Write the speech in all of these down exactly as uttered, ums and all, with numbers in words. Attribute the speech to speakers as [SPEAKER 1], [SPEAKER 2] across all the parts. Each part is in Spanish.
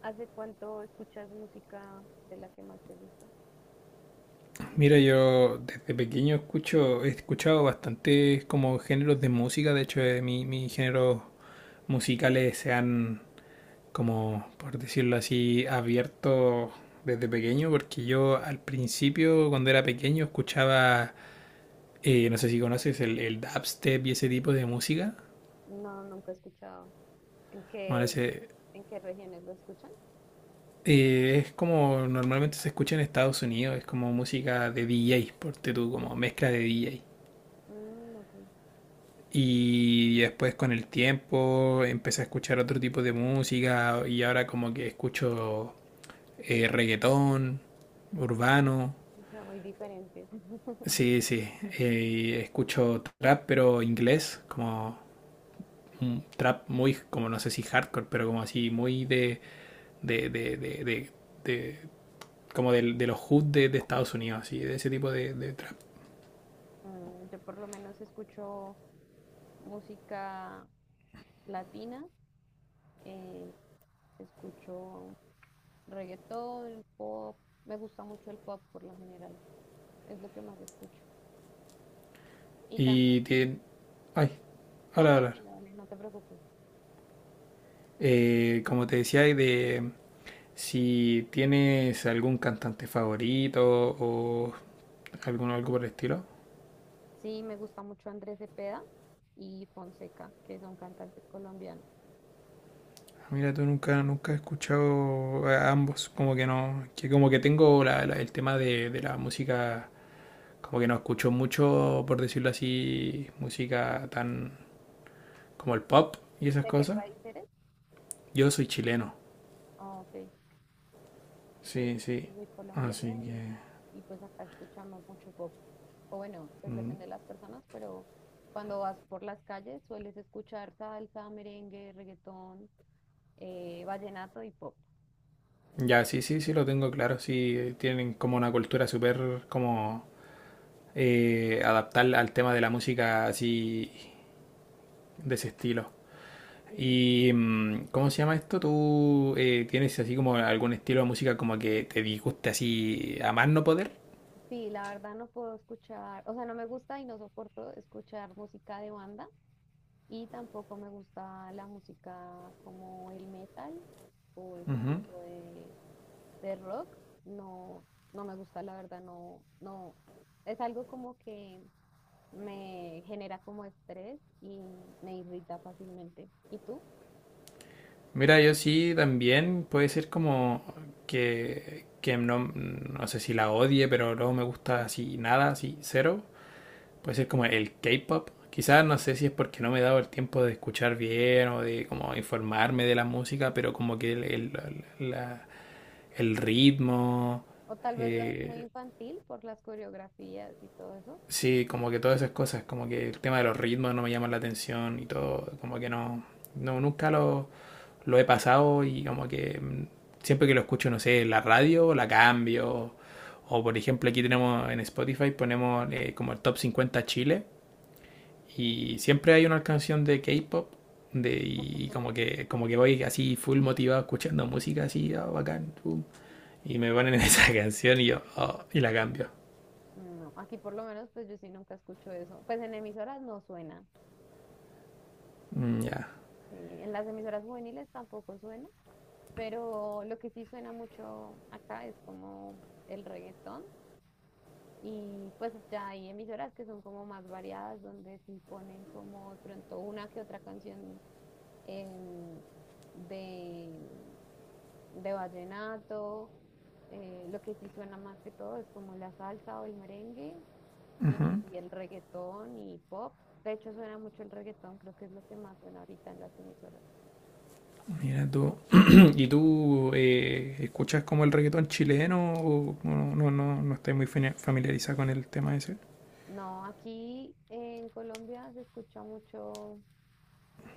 [SPEAKER 1] ¿Hace cuánto escuchas música de la que más te gusta?
[SPEAKER 2] Mira, yo desde pequeño escucho, he escuchado bastantes como géneros de música, de hecho eh, mi- mis géneros musicales se han, como, por decirlo así, abierto desde pequeño, porque yo al principio, cuando era pequeño, escuchaba, eh, no sé si conoces el, el dubstep y ese tipo de música.
[SPEAKER 1] No, nunca he escuchado. ¿En
[SPEAKER 2] Bueno,
[SPEAKER 1] qué,
[SPEAKER 2] ese,
[SPEAKER 1] en qué regiones lo escuchan?
[SPEAKER 2] eh, es como normalmente se escucha en Estados Unidos, es como música de D J, por tú, como mezcla de D J.
[SPEAKER 1] Mm, ok,
[SPEAKER 2] Y después con el tiempo empecé a escuchar otro tipo de música y ahora como que escucho eh, reggaetón, urbano,
[SPEAKER 1] o sea, muy diferentes.
[SPEAKER 2] sí, sí, eh, escucho trap pero inglés, como un trap muy, como no sé si hardcore, pero como así muy de, de, de, de, de- de- como del- de, los hood de, de Estados Unidos, así, de ese tipo de, de trap.
[SPEAKER 1] Mm, yo por lo menos escucho música latina, eh, escucho reggaetón, pop. Me gusta mucho el pop por lo general, es lo que más escucho. Y también,
[SPEAKER 2] Y tiene, ay.
[SPEAKER 1] no,
[SPEAKER 2] Ahora, ahora.
[SPEAKER 1] tranquila, dale, no te preocupes.
[SPEAKER 2] Eh, como te decía, y de, si tienes algún cantante favorito o alguno algo por el estilo.
[SPEAKER 1] Sí, me gusta mucho Andrés Cepeda y Fonseca, que son cantantes colombianos.
[SPEAKER 2] Ah, mira, tú nunca, nunca he escuchado a ambos, como que no, que como que tengo la- la- el tema de, de la música, como que no escucho mucho, por decirlo así, música tan como el pop y esas
[SPEAKER 1] ¿De qué
[SPEAKER 2] cosas.
[SPEAKER 1] país eres?
[SPEAKER 2] Yo soy chileno,
[SPEAKER 1] Ah, ok, ok.
[SPEAKER 2] sí, sí,
[SPEAKER 1] Yo soy colombiana
[SPEAKER 2] así
[SPEAKER 1] y,
[SPEAKER 2] que.
[SPEAKER 1] y pues acá escuchamos mucho pop. O bueno, pues
[SPEAKER 2] Mm,
[SPEAKER 1] depende de las personas, pero cuando vas por las calles sueles escuchar salsa, merengue, reggaetón, eh, vallenato y pop.
[SPEAKER 2] ya, sí, sí, sí, lo tengo claro, sí, eh, tienen como una cultura súper como eh, adaptar al tema de la música así de ese estilo.
[SPEAKER 1] Sí,
[SPEAKER 2] ¿Y mm, cómo se llama esto? ¿Tú eh, tienes así como algún estilo de música como que te disguste así a más no poder?
[SPEAKER 1] sí, la verdad no puedo escuchar, o sea, no me gusta y no soporto escuchar música de banda. Y tampoco me gusta la música como el metal o ese
[SPEAKER 2] Ujú.
[SPEAKER 1] tipo de, de rock. No, no me gusta, la verdad, no, no. Es algo como que me genera como estrés y me irrita fácilmente. ¿Y tú?
[SPEAKER 2] Mira, yo sí también puede ser como que, que no, no sé si la odie, pero no me gusta así nada, así cero. Puede ser como el K-pop. Quizás no sé si es porque no me he dado el tiempo de escuchar bien o de como informarme de la música, pero como que el, el, la- el ritmo,
[SPEAKER 1] O tal vez lo es muy
[SPEAKER 2] eh,
[SPEAKER 1] infantil por las coreografías y todo eso.
[SPEAKER 2] sí, como que todas esas cosas, como que el tema de los ritmos no me llama la atención y todo, como que no, no nunca lo, lo he pasado y como que mm, siempre que lo escucho, no sé, la radio la cambio. O por ejemplo aquí tenemos en Spotify, ponemos eh, como el top cincuenta Chile. Y siempre hay una canción de K-pop de, y como que, como que voy así full motivado escuchando música así, ah, bacán, pum, y me ponen esa canción y yo, oh, y la cambio.
[SPEAKER 1] No, aquí por lo menos pues yo sí nunca escucho eso. Pues en emisoras no suena.
[SPEAKER 2] Mm, ya,
[SPEAKER 1] Sí. En las emisoras juveniles tampoco suena. Pero lo que sí suena mucho acá es como el reggaetón y pues ya hay emisoras que son como más variadas donde sí ponen como de pronto una que otra canción em, de, de vallenato. Eh, lo que sí suena más que todo es como la salsa o el merengue y el reggaetón y pop. De hecho, suena mucho el reggaetón, creo que es lo que más suena ahorita en las emisoras.
[SPEAKER 2] mira tú. ¿Y tú eh, escuchas como el reggaetón chileno o no, no, no, no estás muy fami- familiarizada con el tema ese?
[SPEAKER 1] No, aquí en Colombia se escucha mucho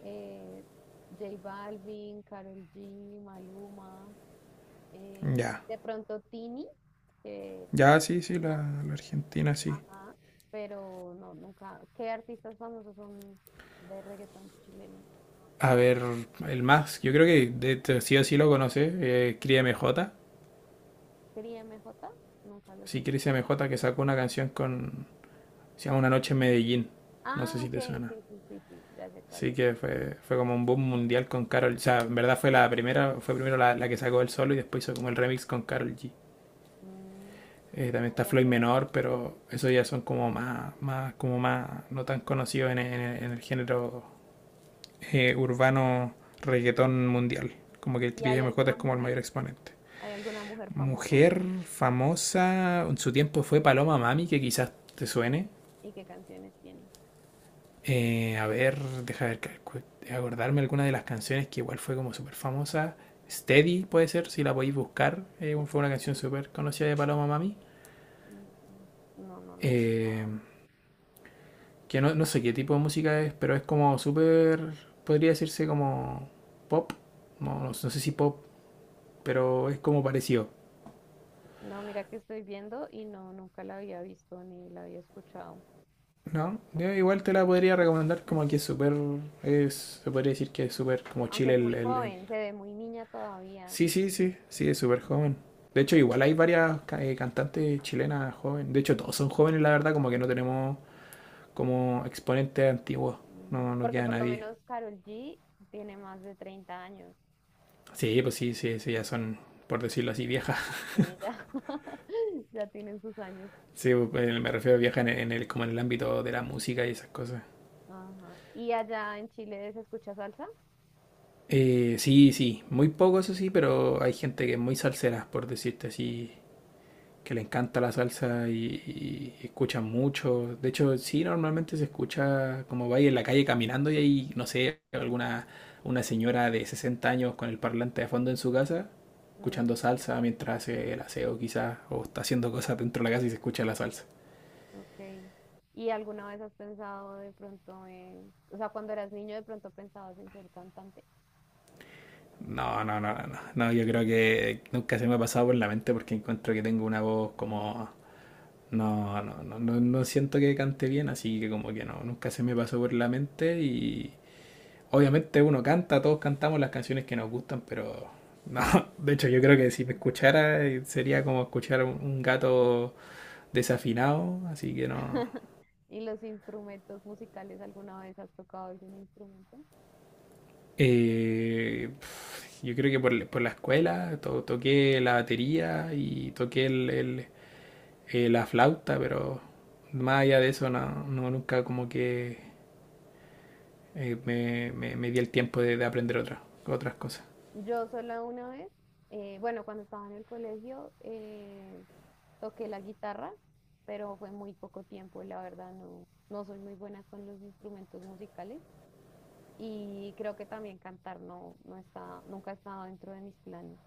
[SPEAKER 1] eh, J Balvin, Karol G, Maluma, eh,
[SPEAKER 2] Ya,
[SPEAKER 1] de pronto Tini, que es
[SPEAKER 2] ya, sí, sí,
[SPEAKER 1] argentina,
[SPEAKER 2] la, la Argentina sí.
[SPEAKER 1] ajá, pero no, nunca. ¿Qué artistas famosos son de reggaetón chileno?
[SPEAKER 2] A ver, el más, yo creo que de, de- sí o sí lo conoces, eh, Cría M J.
[SPEAKER 1] Cría M J, nunca lo he
[SPEAKER 2] Sí, Chris
[SPEAKER 1] escuchado.
[SPEAKER 2] M J, que sacó una canción con. Se llama Una Noche en Medellín. No
[SPEAKER 1] Ah,
[SPEAKER 2] sé si
[SPEAKER 1] ok,
[SPEAKER 2] te suena.
[SPEAKER 1] sí, sí, sí, sí, ya sé cuál
[SPEAKER 2] Sí,
[SPEAKER 1] es.
[SPEAKER 2] que fue, fue como un boom mundial con Carol. O sea, en verdad fue la primera, fue primero la, la que sacó el solo y después hizo como el remix con Carol G.
[SPEAKER 1] Mm, no,
[SPEAKER 2] Eh,
[SPEAKER 1] no
[SPEAKER 2] también está
[SPEAKER 1] sabía
[SPEAKER 2] Floyd
[SPEAKER 1] que era
[SPEAKER 2] Menor,
[SPEAKER 1] chileno.
[SPEAKER 2] pero esos ya son como más, más, como más, no tan conocidos en, en- en el género eh, urbano, reggaetón mundial. Como que el
[SPEAKER 1] ¿Y
[SPEAKER 2] Chris
[SPEAKER 1] hay
[SPEAKER 2] M J
[SPEAKER 1] alguna
[SPEAKER 2] es como el
[SPEAKER 1] mujer?
[SPEAKER 2] mayor exponente.
[SPEAKER 1] ¿Hay alguna mujer famosa?
[SPEAKER 2] Mujer famosa, en su tiempo fue Paloma Mami, que quizás te suene.
[SPEAKER 1] ¿Y qué canciones tiene?
[SPEAKER 2] Eh, a ver, deja ver, acordarme alguna de las canciones que igual fue como súper famosa. Steady puede ser, si la podéis buscar. Eh, fue una canción súper conocida de Paloma Mami.
[SPEAKER 1] Mm, mm, no, no las.
[SPEAKER 2] Eh, que no, no sé qué tipo de música es, pero es como súper, podría decirse como pop. No, no, no sé si pop, pero es como parecido.
[SPEAKER 1] No, mira que estoy viendo y no, nunca la había visto ni la había escuchado.
[SPEAKER 2] No, yo igual te la podría recomendar, como que es súper, es- se podría decir que es súper como
[SPEAKER 1] Aunque
[SPEAKER 2] chile.
[SPEAKER 1] es
[SPEAKER 2] el,
[SPEAKER 1] muy
[SPEAKER 2] el- el-
[SPEAKER 1] joven, se ve muy niña todavía.
[SPEAKER 2] Sí, sí, sí, sí, es súper joven. De hecho,
[SPEAKER 1] Pues.
[SPEAKER 2] igual hay varias ca- eh, cantantes chilenas jóvenes. De hecho, todos son jóvenes, la verdad, como que no tenemos como exponentes antiguos.
[SPEAKER 1] Mm,
[SPEAKER 2] No, no
[SPEAKER 1] Porque
[SPEAKER 2] queda
[SPEAKER 1] por lo
[SPEAKER 2] nadie.
[SPEAKER 1] menos Karol G tiene más de treinta años.
[SPEAKER 2] Sí, pues sí, sí, sí, ya son, por decirlo así, viejas.
[SPEAKER 1] Sí, ya, ya tienen sus años.
[SPEAKER 2] Sí, pues, eh, me refiero a viejas en el, en el- como en el ámbito de la música y esas cosas.
[SPEAKER 1] Ajá. ¿Y allá en Chile se escucha salsa?
[SPEAKER 2] Eh, sí, sí, muy poco eso sí, pero hay gente que es muy salsera, por decirte así, que le encanta la salsa y, y escuchan mucho. De hecho, sí, normalmente se escucha, como vais en la calle caminando, y hay, no sé, alguna una señora de sesenta años con el parlante de fondo en su casa, escuchando
[SPEAKER 1] Mm,
[SPEAKER 2] salsa mientras hace el aseo quizás, o está haciendo cosas dentro de la casa y se escucha la salsa.
[SPEAKER 1] ok. ¿Y alguna vez has pensado de pronto en, o sea, cuando eras niño de pronto pensabas en ser cantante?
[SPEAKER 2] No, no, no, no, no, no, yo creo que nunca se me ha pasado por la mente porque encuentro que tengo una voz como. No, no, no, no, no siento que cante bien, así que como que no, nunca se me pasó por la mente. Y obviamente uno canta, todos cantamos las canciones que nos gustan, pero no, de hecho yo creo que si me escuchara, eh, sería como escuchar un, un gato desafinado, así que no.
[SPEAKER 1] ¿Y los instrumentos musicales alguna vez has tocado algún instrumento?
[SPEAKER 2] Eh, pf, yo creo que por, por la escuela to- toqué la batería y toqué el- el- eh, la flauta, pero más allá de eso no, no, nunca como que, eh, me, me- me di el tiempo de, de aprender otra- otras cosas.
[SPEAKER 1] Yo sola una vez, eh, bueno, cuando estaba en el colegio, eh, toqué la guitarra, pero fue muy poco tiempo, la verdad no, no soy muy buena con los instrumentos musicales y creo que también cantar no, no está, nunca ha estado dentro de mis planes.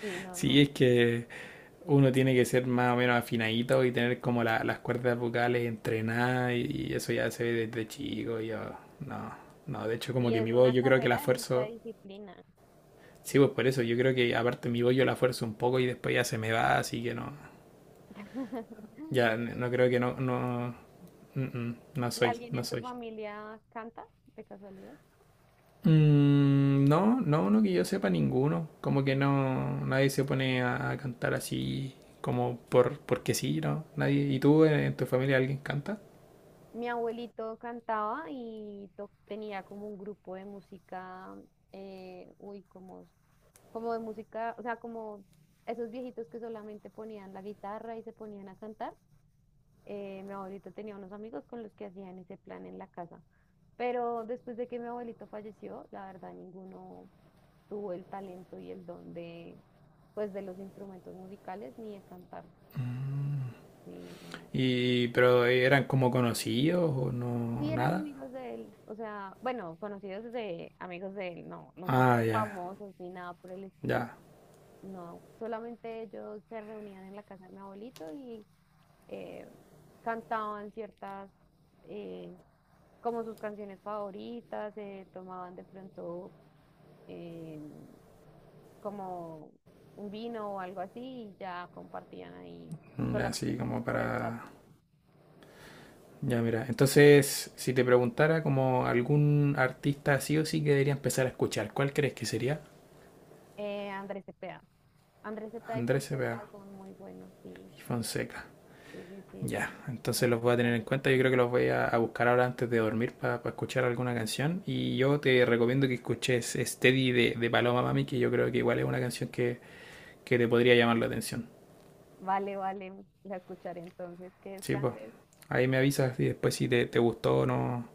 [SPEAKER 1] Sí, no,
[SPEAKER 2] Sí,
[SPEAKER 1] no.
[SPEAKER 2] es que uno tiene que ser más o menos afinadito y tener como la- las cuerdas vocales entrenadas, y, y eso ya se ve desde chico. Yo, no, no, de hecho como
[SPEAKER 1] Y
[SPEAKER 2] que
[SPEAKER 1] es
[SPEAKER 2] mi voz
[SPEAKER 1] una
[SPEAKER 2] yo creo que la
[SPEAKER 1] carrera de mucha
[SPEAKER 2] fuerzo,
[SPEAKER 1] disciplina.
[SPEAKER 2] sí, pues por eso, yo creo que aparte mi voz yo la fuerzo un poco y después ya se me va, así que no, ya no creo que, no, no, mm, mm, no
[SPEAKER 1] ¿Y
[SPEAKER 2] soy,
[SPEAKER 1] alguien
[SPEAKER 2] no
[SPEAKER 1] en tu
[SPEAKER 2] soy.
[SPEAKER 1] familia canta, de casualidad?
[SPEAKER 2] Mm, no, no, no que yo sepa ninguno, como que no, nadie se pone a, a cantar así como por, porque sí, ¿no? Nadie. ¿Y tú en en tu familia alguien canta?
[SPEAKER 1] Mi abuelito cantaba y to- tenía como un grupo de música, eh, uy, como como de música, o sea, como esos viejitos que solamente ponían la guitarra y se ponían a cantar. Eh, mi abuelito tenía unos amigos con los que hacían ese plan en la casa. Pero después de que mi abuelito falleció, la verdad ninguno tuvo el talento y el don de, pues, de los instrumentos musicales ni de cantar. Sí, no.
[SPEAKER 2] Y, pero eh, eran como conocidos o
[SPEAKER 1] Sí
[SPEAKER 2] no,
[SPEAKER 1] eran
[SPEAKER 2] nada.
[SPEAKER 1] amigos de él, o sea, bueno, conocidos de amigos de él, no, nunca
[SPEAKER 2] Ah,
[SPEAKER 1] fueron
[SPEAKER 2] ya.
[SPEAKER 1] famosos ni nada por el estilo.
[SPEAKER 2] Ya,
[SPEAKER 1] No, solamente ellos se reunían en la casa de mi abuelito y eh, cantaban ciertas, eh, como sus canciones favoritas, eh, tomaban de pronto eh, como un vino o algo así y ya compartían ahí
[SPEAKER 2] ya,
[SPEAKER 1] solamente
[SPEAKER 2] sí,
[SPEAKER 1] como
[SPEAKER 2] como
[SPEAKER 1] por el rato.
[SPEAKER 2] para. Ya, mira, entonces, si te preguntara como algún artista sí o sí que debería empezar a escuchar, ¿cuál crees que sería?
[SPEAKER 1] Eh, Andrés Cepeda. Andrés Cepeda y
[SPEAKER 2] Andrés Cepeda
[SPEAKER 1] Fonseca son muy buenos, sí,
[SPEAKER 2] y Fonseca.
[SPEAKER 1] sí, sí, sí,
[SPEAKER 2] Ya,
[SPEAKER 1] son,
[SPEAKER 2] entonces
[SPEAKER 1] son
[SPEAKER 2] los voy
[SPEAKER 1] unos
[SPEAKER 2] a tener en
[SPEAKER 1] grandes
[SPEAKER 2] cuenta. Yo creo que
[SPEAKER 1] artistas.
[SPEAKER 2] los voy a, a buscar ahora antes de dormir para escuchar alguna canción. Y yo te recomiendo que escuches Steady de, de Paloma Mami, que yo creo que igual es una canción que, que te podría llamar la atención.
[SPEAKER 1] Vale, vale, la escucharé entonces, que
[SPEAKER 2] Sí, pues.
[SPEAKER 1] descanses.
[SPEAKER 2] Ahí me avisas y después si te, te gustó o no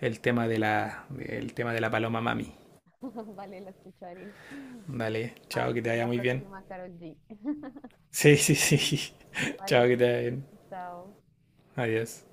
[SPEAKER 2] el tema de la, el tema de la Paloma Mami.
[SPEAKER 1] Vale, la escucharé.
[SPEAKER 2] Dale,
[SPEAKER 1] A
[SPEAKER 2] chao,
[SPEAKER 1] ver
[SPEAKER 2] que
[SPEAKER 1] si
[SPEAKER 2] te
[SPEAKER 1] es
[SPEAKER 2] vaya
[SPEAKER 1] la
[SPEAKER 2] muy bien.
[SPEAKER 1] próxima, Karol G.
[SPEAKER 2] Sí, sí, sí. Chao,
[SPEAKER 1] Vale.
[SPEAKER 2] que te vaya bien.
[SPEAKER 1] So
[SPEAKER 2] Adiós.